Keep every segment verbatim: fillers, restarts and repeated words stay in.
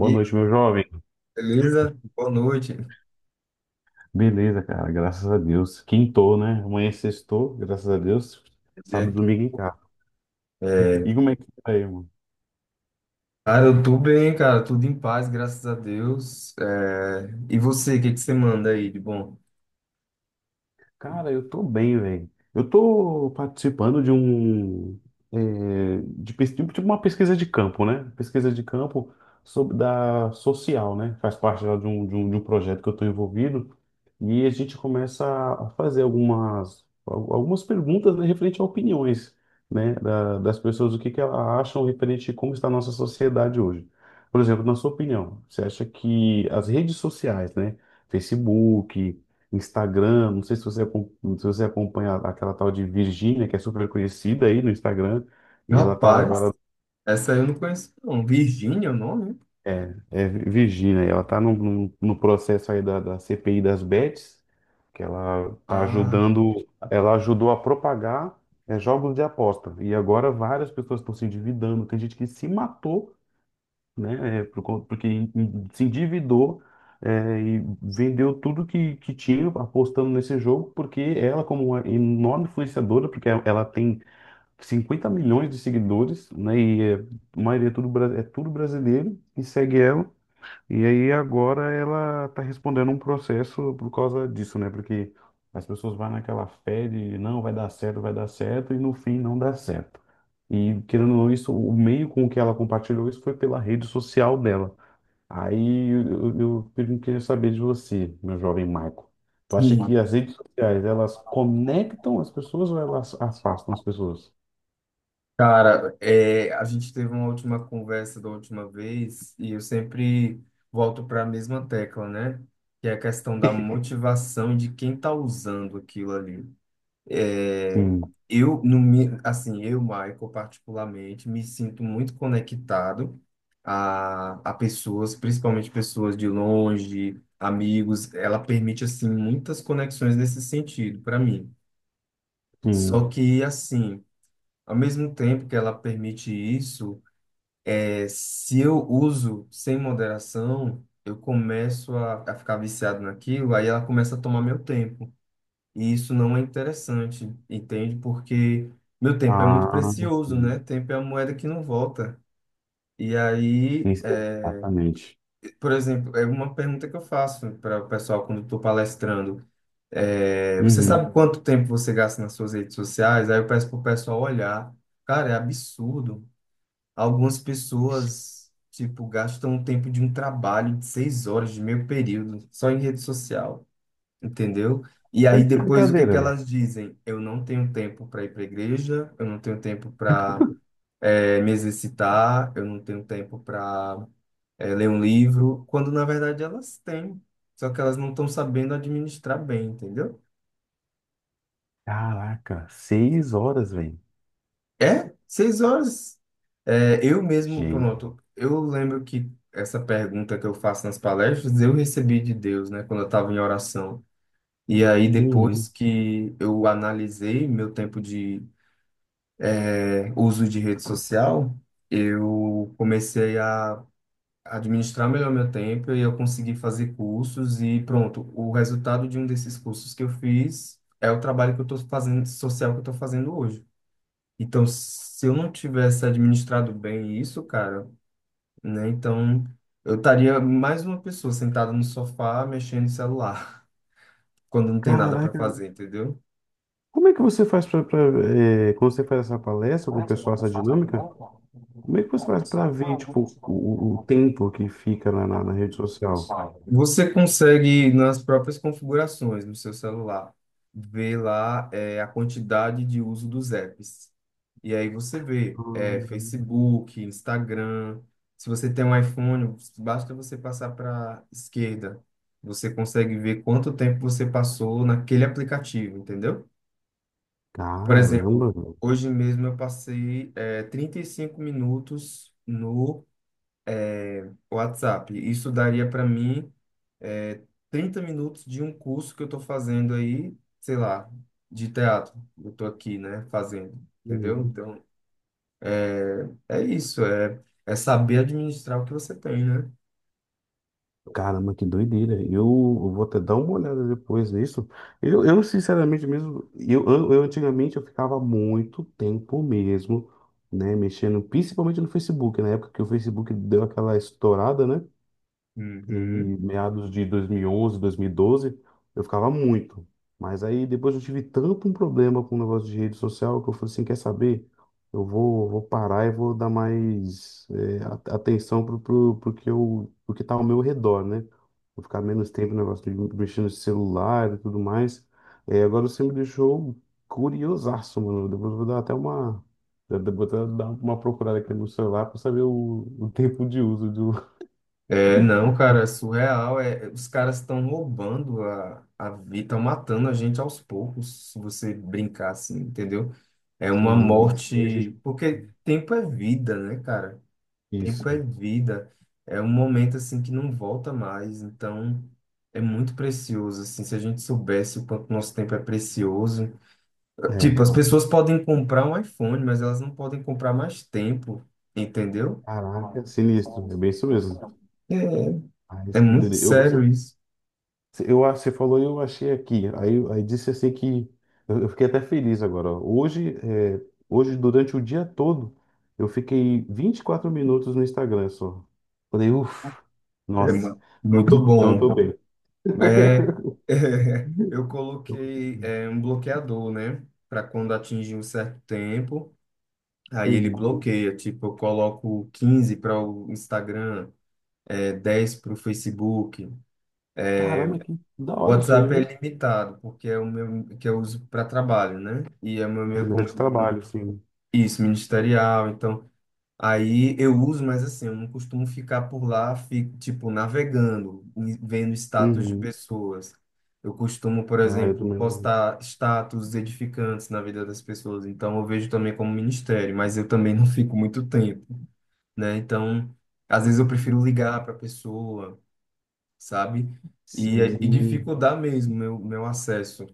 E aí, noite, meu jovem. beleza? Boa noite. Beleza, cara, graças a Deus. Quintou, né? Amanhã é sextou, graças a Deus. Sábado Né? e domingo em casa. É, E como é que tá aí, mano? cara, eu tô bem, cara, tudo em paz, graças a Deus. É, e você, o que que você manda aí de bom? Cara, eu tô bem, velho. Eu tô participando de um. é, de, pes- tipo tipo uma pesquisa de campo, né? Pesquisa de campo sobre, da social, né? Faz parte lá de um, de um, de um projeto que eu tô envolvido. E a gente começa a fazer algumas, al- algumas perguntas, né, referente a opiniões, né? Da- das pessoas, o que que elas acham referente a como está a nossa sociedade hoje. Por exemplo, na sua opinião, você acha que as redes sociais, né? Facebook. Instagram, não sei se você, acom- se você acompanha aquela tal de Virgínia, que é super conhecida aí no Instagram, e ela tá Rapaz, agora, essa eu não conheço, não. Virgínia é o nome? é, é Virgínia, e ela tá no, no, no processo aí da, da C P I das bets, que ela tá Ah, ajudando, ela ajudou a propagar, é, jogos de aposta, e agora várias pessoas estão se endividando, tem gente que se matou né? é, por con- porque en- en- se endividou, é, e vendeu tudo que, que tinha apostando nesse jogo, porque ela, como uma enorme influenciadora, porque ela ela tem cinquenta milhões de seguidores, né? E é, a maioria é tudo, bra- é tudo brasileiro, e segue ela. E aí agora ela tá respondendo um processo por causa disso, né? Porque as pessoas vão naquela fé de não, vai dar certo, vai dar certo, e no fim não dá certo. E querendo ou não, isso, o meio com que ela compartilhou isso foi pela rede social dela. Aí eu, eu, eu queria saber de você, meu jovem Michael. Tu acha que sim. as redes sociais, elas conectam as pessoas ou elas afastam as pessoas? Cara, é, a gente teve uma última conversa da última vez e eu sempre volto para a mesma tecla, né? Que é a questão da motivação e de quem tá usando aquilo ali. É, Sim, eu, no, mi- Assim, eu, Michael, particularmente, me sinto muito conectado a, a pessoas, principalmente pessoas de longe, amigos. Ela permite, assim, muitas conexões nesse sentido, para mim. Só sim. que, assim, ao mesmo tempo que ela permite isso, é, se eu uso sem moderação, eu começo a, a ficar viciado naquilo, aí ela começa a tomar meu tempo. E isso não é interessante, entende? Porque meu tempo é muito Ah, precioso, né? sim. Tempo é a moeda que não volta. E aí, Isso. é, Exatamente. por exemplo, é uma pergunta que eu faço para o pessoal quando estou palestrando. É, você Uhum. sabe quanto tempo você gasta nas suas redes sociais? Aí eu peço para o pessoal olhar. Cara, é absurdo. Algumas pessoas, tipo, gastam o tempo de um trabalho de seis horas, de meio período, só em rede social. Entendeu? E Tá aí de depois o que que brincadeira, né? elas dizem? Eu não tenho tempo para ir para a igreja, eu não tenho tempo para me exercitar, eu não tenho tempo para ler um livro, quando na verdade elas têm, só que elas não estão sabendo administrar bem, entendeu? Caraca, seis horas, velho. É, seis horas. É, eu mesmo, Gente. pronto, eu lembro que essa pergunta que eu faço nas palestras, eu recebi de Deus, né, quando eu estava em oração. E aí, depois Uhum. que eu analisei meu tempo de é, uso de rede social, eu comecei a administrar melhor meu tempo e eu consegui fazer cursos e pronto, o resultado de um desses cursos que eu fiz é o trabalho que eu estou fazendo, social que eu estou fazendo hoje. Então, se eu não tivesse administrado bem isso, cara, né, então eu estaria mais uma pessoa sentada no sofá mexendo no celular, quando não tem nada para Caraca. fazer, entendeu? Como é que você faz pra, pra, eh, quando você faz essa palestra com o pessoal, essa dinâmica, como é que você faz pra ver, tipo, o, o o tempo que fica na, na, na rede social? Você consegue, nas próprias configurações no seu celular, ver lá é, a quantidade de uso dos apps. E aí você vê, é, Ah. Facebook, Instagram. Se você tem um iPhone, basta você passar para esquerda. Você consegue ver quanto tempo você passou naquele aplicativo, entendeu? Por Caramba, exemplo, velho. hoje mesmo eu passei, é, trinta e cinco minutos no WhatsApp. Isso daria para mim. É, trinta minutos de um curso que eu estou fazendo aí, sei lá, de teatro. Eu estou aqui, né, fazendo, entendeu? Uhum. Então, é, é isso, é, é saber administrar o que você tem, né? Caramba, que doideira. Eu, eu vou até dar uma olhada depois nisso. Eu, eu sinceramente mesmo, eu, eu, eu antigamente eu ficava muito tempo mesmo, né, mexendo, principalmente no Facebook, na época que o Facebook deu aquela estourada, né? E Uhum. meados de dois mil e onze, dois mil e doze, eu ficava muito. Mas aí depois eu tive tanto um problema com o negócio de rede social que eu falei assim, quer saber? Eu vou, vou parar e vou dar mais é, a- atenção pro, pro, pro que eu, pro que tá ao meu redor, né? Vou ficar menos tempo no negócio de mexendo no celular e tudo mais. É, agora você me deixou curiosaço, mano. Depois eu vou dar até uma... Eu vou até dar uma procurada aqui no celular para saber o, o tempo de uso. É, não, cara, é surreal. É, os caras estão roubando a, a vida, estão matando a gente aos poucos, se você brincar assim, entendeu? É uma Sim, isso. morte, Registro. porque tempo é vida, né, cara? Tempo é Isso. vida, é um momento assim que não volta mais, então é muito precioso, assim, se a gente soubesse o quanto nosso tempo é precioso. É. Tipo, as pessoas podem comprar um iPhone, mas elas não podem comprar mais tempo, entendeu? Caraca, sinistro. É bem isso mesmo. É, Ah, é isso que muito doideira. Eu, sério você, isso. eu, ah, Você falou e eu achei aqui. Aí, aí disse assim que eu, eu fiquei até feliz agora. Ó. Hoje, é, hoje, durante o dia todo, eu fiquei vinte e quatro minutos no Instagram só. Falei, uff, É nossa. mu- muito Tô- Então eu bom. tô bem. É, eu coloquei, é, um bloqueador, né, para quando atingir um certo tempo, aí ele Uhum. bloqueia, tipo, eu coloco quinze para o Instagram, é dez para o Facebook. Caramba, que da O hora isso aí, WhatsApp é hein? limitado, porque é o meu que eu uso para trabalho, né? E é o meu meio Ferramenta de como trabalho, sim. isso, ministerial, então aí eu uso, mas assim, eu não costumo ficar por lá, fico, tipo, navegando, e vendo status de Uhum. pessoas. Eu costumo, por Ah, eu exemplo, também. postar status edificantes na vida das pessoas, então eu vejo também como ministério, mas eu também não fico muito tempo, né? Então, às vezes eu prefiro ligar para a pessoa, sabe? E, é, e Sim. dificultar mesmo meu, meu acesso.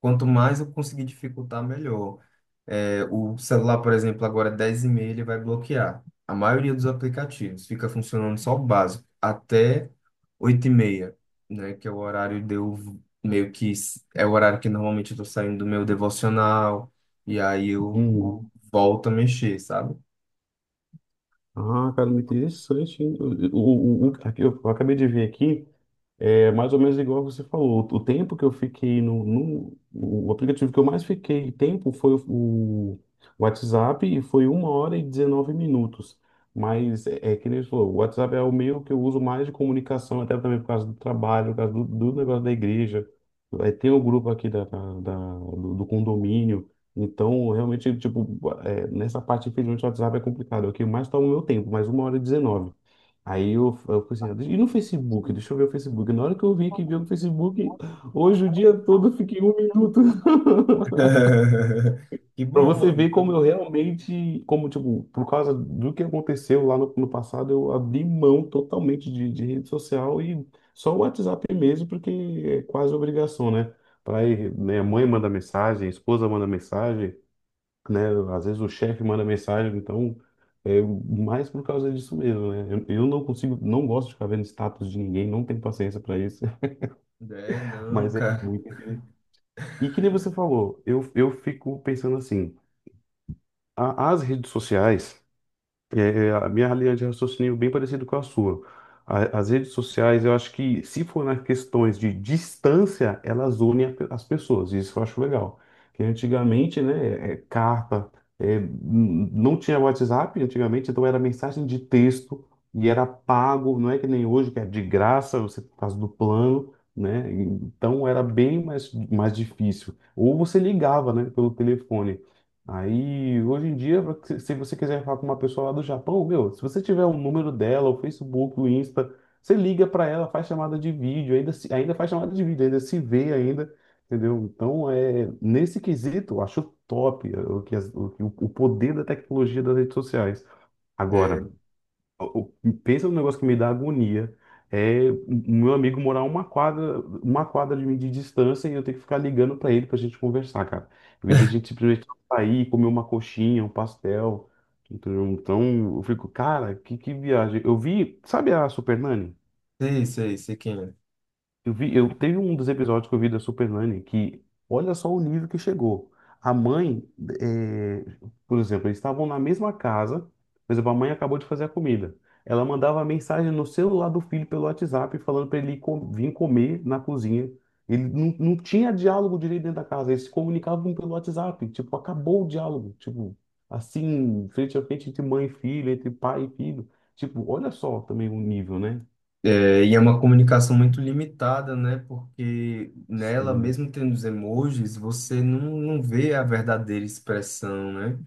Quanto mais eu conseguir dificultar, melhor. É, o celular, por exemplo, agora é dez e meia ele vai bloquear. A maioria dos aplicativos fica funcionando só o básico, até oito e meia, né? Que é o horário de eu meio que s- é o horário que normalmente eu tô saindo do meu devocional, e aí eu Hum. volto a mexer, sabe? Ah, cara, muito interessante. Hein? O, o, o- o- aqui, eu, eu acabei de ver aqui. É mais ou menos igual você falou. O tempo que eu fiquei no, no- o aplicativo que eu mais fiquei tempo foi o, o WhatsApp, e foi uma hora e dezenove minutos. Mas é, é que nem você falou, o WhatsApp é o meio que eu uso mais de comunicação, até também por causa do trabalho, por causa do, do negócio da igreja. Aí tem o grupo aqui da, da, da- do, do condomínio. Então, realmente, tipo, é, nessa parte, infelizmente, o WhatsApp é complicado. É o que mais toma o meu tempo, mas uma hora e dezenove. Aí eu, eu falei assim, e no Facebook? Deixa eu ver o Facebook. Na hora que eu vi que viu o Facebook, hoje o dia todo eu fiquei um minuto. Que Pra bom, você mano. ver como Então, eu realmente, como, tipo, por causa do que aconteceu lá no, no passado, eu abri mão totalmente de, de rede social e só o WhatsApp mesmo, porque é quase obrigação, né? Pra ir, né, a mãe manda mensagem, a esposa manda mensagem, né? Às vezes o chefe manda mensagem, então é mais por causa disso mesmo, né? Eu, eu não consigo, não gosto de ficar vendo status de ninguém, não tenho paciência para isso. é, não, Mas é cara. muito interessante. E que nem você falou, eu, eu fico pensando assim, a- as redes sociais. É, é, a minha linha de raciocínio é bem parecida com a sua. A- as redes sociais, eu acho que se for nas questões de distância, elas unem a pe- as pessoas. Isso eu acho legal. Que antigamente, né, é, é carta, é, n- não tinha WhatsApp antigamente, então era mensagem de texto e era pago. Não é que nem hoje, que é de graça, você por causa do plano, né? Então era bem mais, mais difícil. Ou você ligava, né, pelo telefone. Aí, hoje em dia, pra que- se você quiser falar com uma pessoa lá do Japão, meu, se você tiver o número dela, o Facebook, o Insta, você liga para ela, faz chamada de vídeo, ainda, se- ainda faz chamada de vídeo, ainda se vê ainda, entendeu? Então, é, nesse quesito, eu acho top é, o, que as- o, que o o poder da tecnologia das redes sociais. É. Agora, o- o- pensa no negócio que me dá agonia. É o meu amigo morar uma quadra, uma quadra de mim de distância e eu ter que ficar ligando pra ele pra gente conversar, cara. Em vez da gente simplesmente sair, comer uma coxinha, um pastel. Entendeu? Então eu fico, cara, que, que viagem. Eu vi, sabe a Super Nani? Sei, sei, sei quem é. Eu vi, eu teve um dos episódios que eu vi da Supernanny que olha só o nível que chegou. A mãe, eh, por exemplo, eles estavam na mesma casa, por exemplo, a mãe acabou de fazer a comida. Ela mandava mensagem no celular do filho pelo WhatsApp falando para ele co- vir comer na cozinha. Ele não, não tinha diálogo direito dentro da casa, eles se comunicavam pelo WhatsApp, tipo, acabou o diálogo, tipo, assim, frente a frente entre mãe e filho, entre pai e filho. Tipo, olha só também o nível, né? É, e é uma comunicação muito limitada, né? Porque nela, Sim, mesmo tendo os emojis, você não, não vê a verdadeira expressão, né?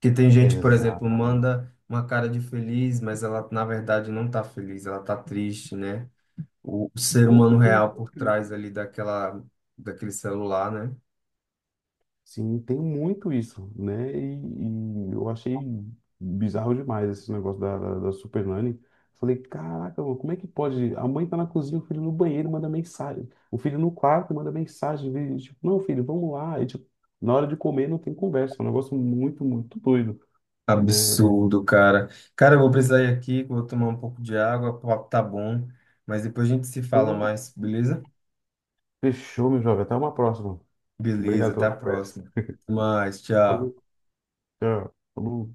Que tem gente, por exemplo, exato. manda uma cara de feliz, mas ela na verdade não tá feliz, ela tá triste, né? O ser Pô, humano tem, real por muito isso. trás ali daquela, daquele celular, né? Sim, tem muito isso, né? E, e eu achei bizarro demais esse negócio da, da, da Super Nanny. Falei, caraca, mano, como é que pode? A mãe tá na cozinha, o filho no banheiro manda mensagem. O filho no quarto manda mensagem. Vê, tipo, não, filho, vamos lá. E, tipo, na hora de comer não tem conversa. É um negócio muito, muito doido, né? Absurdo, cara. Cara, eu vou precisar ir aqui, que eu vou tomar um pouco de água, o papo tá bom, mas depois a gente se fala Pô, mais, beleza? fechou, meu jovem. Até uma próxima. Beleza, Obrigado até pela a conversa. próxima. Até mais, tchau. Falou, tchau. Falou.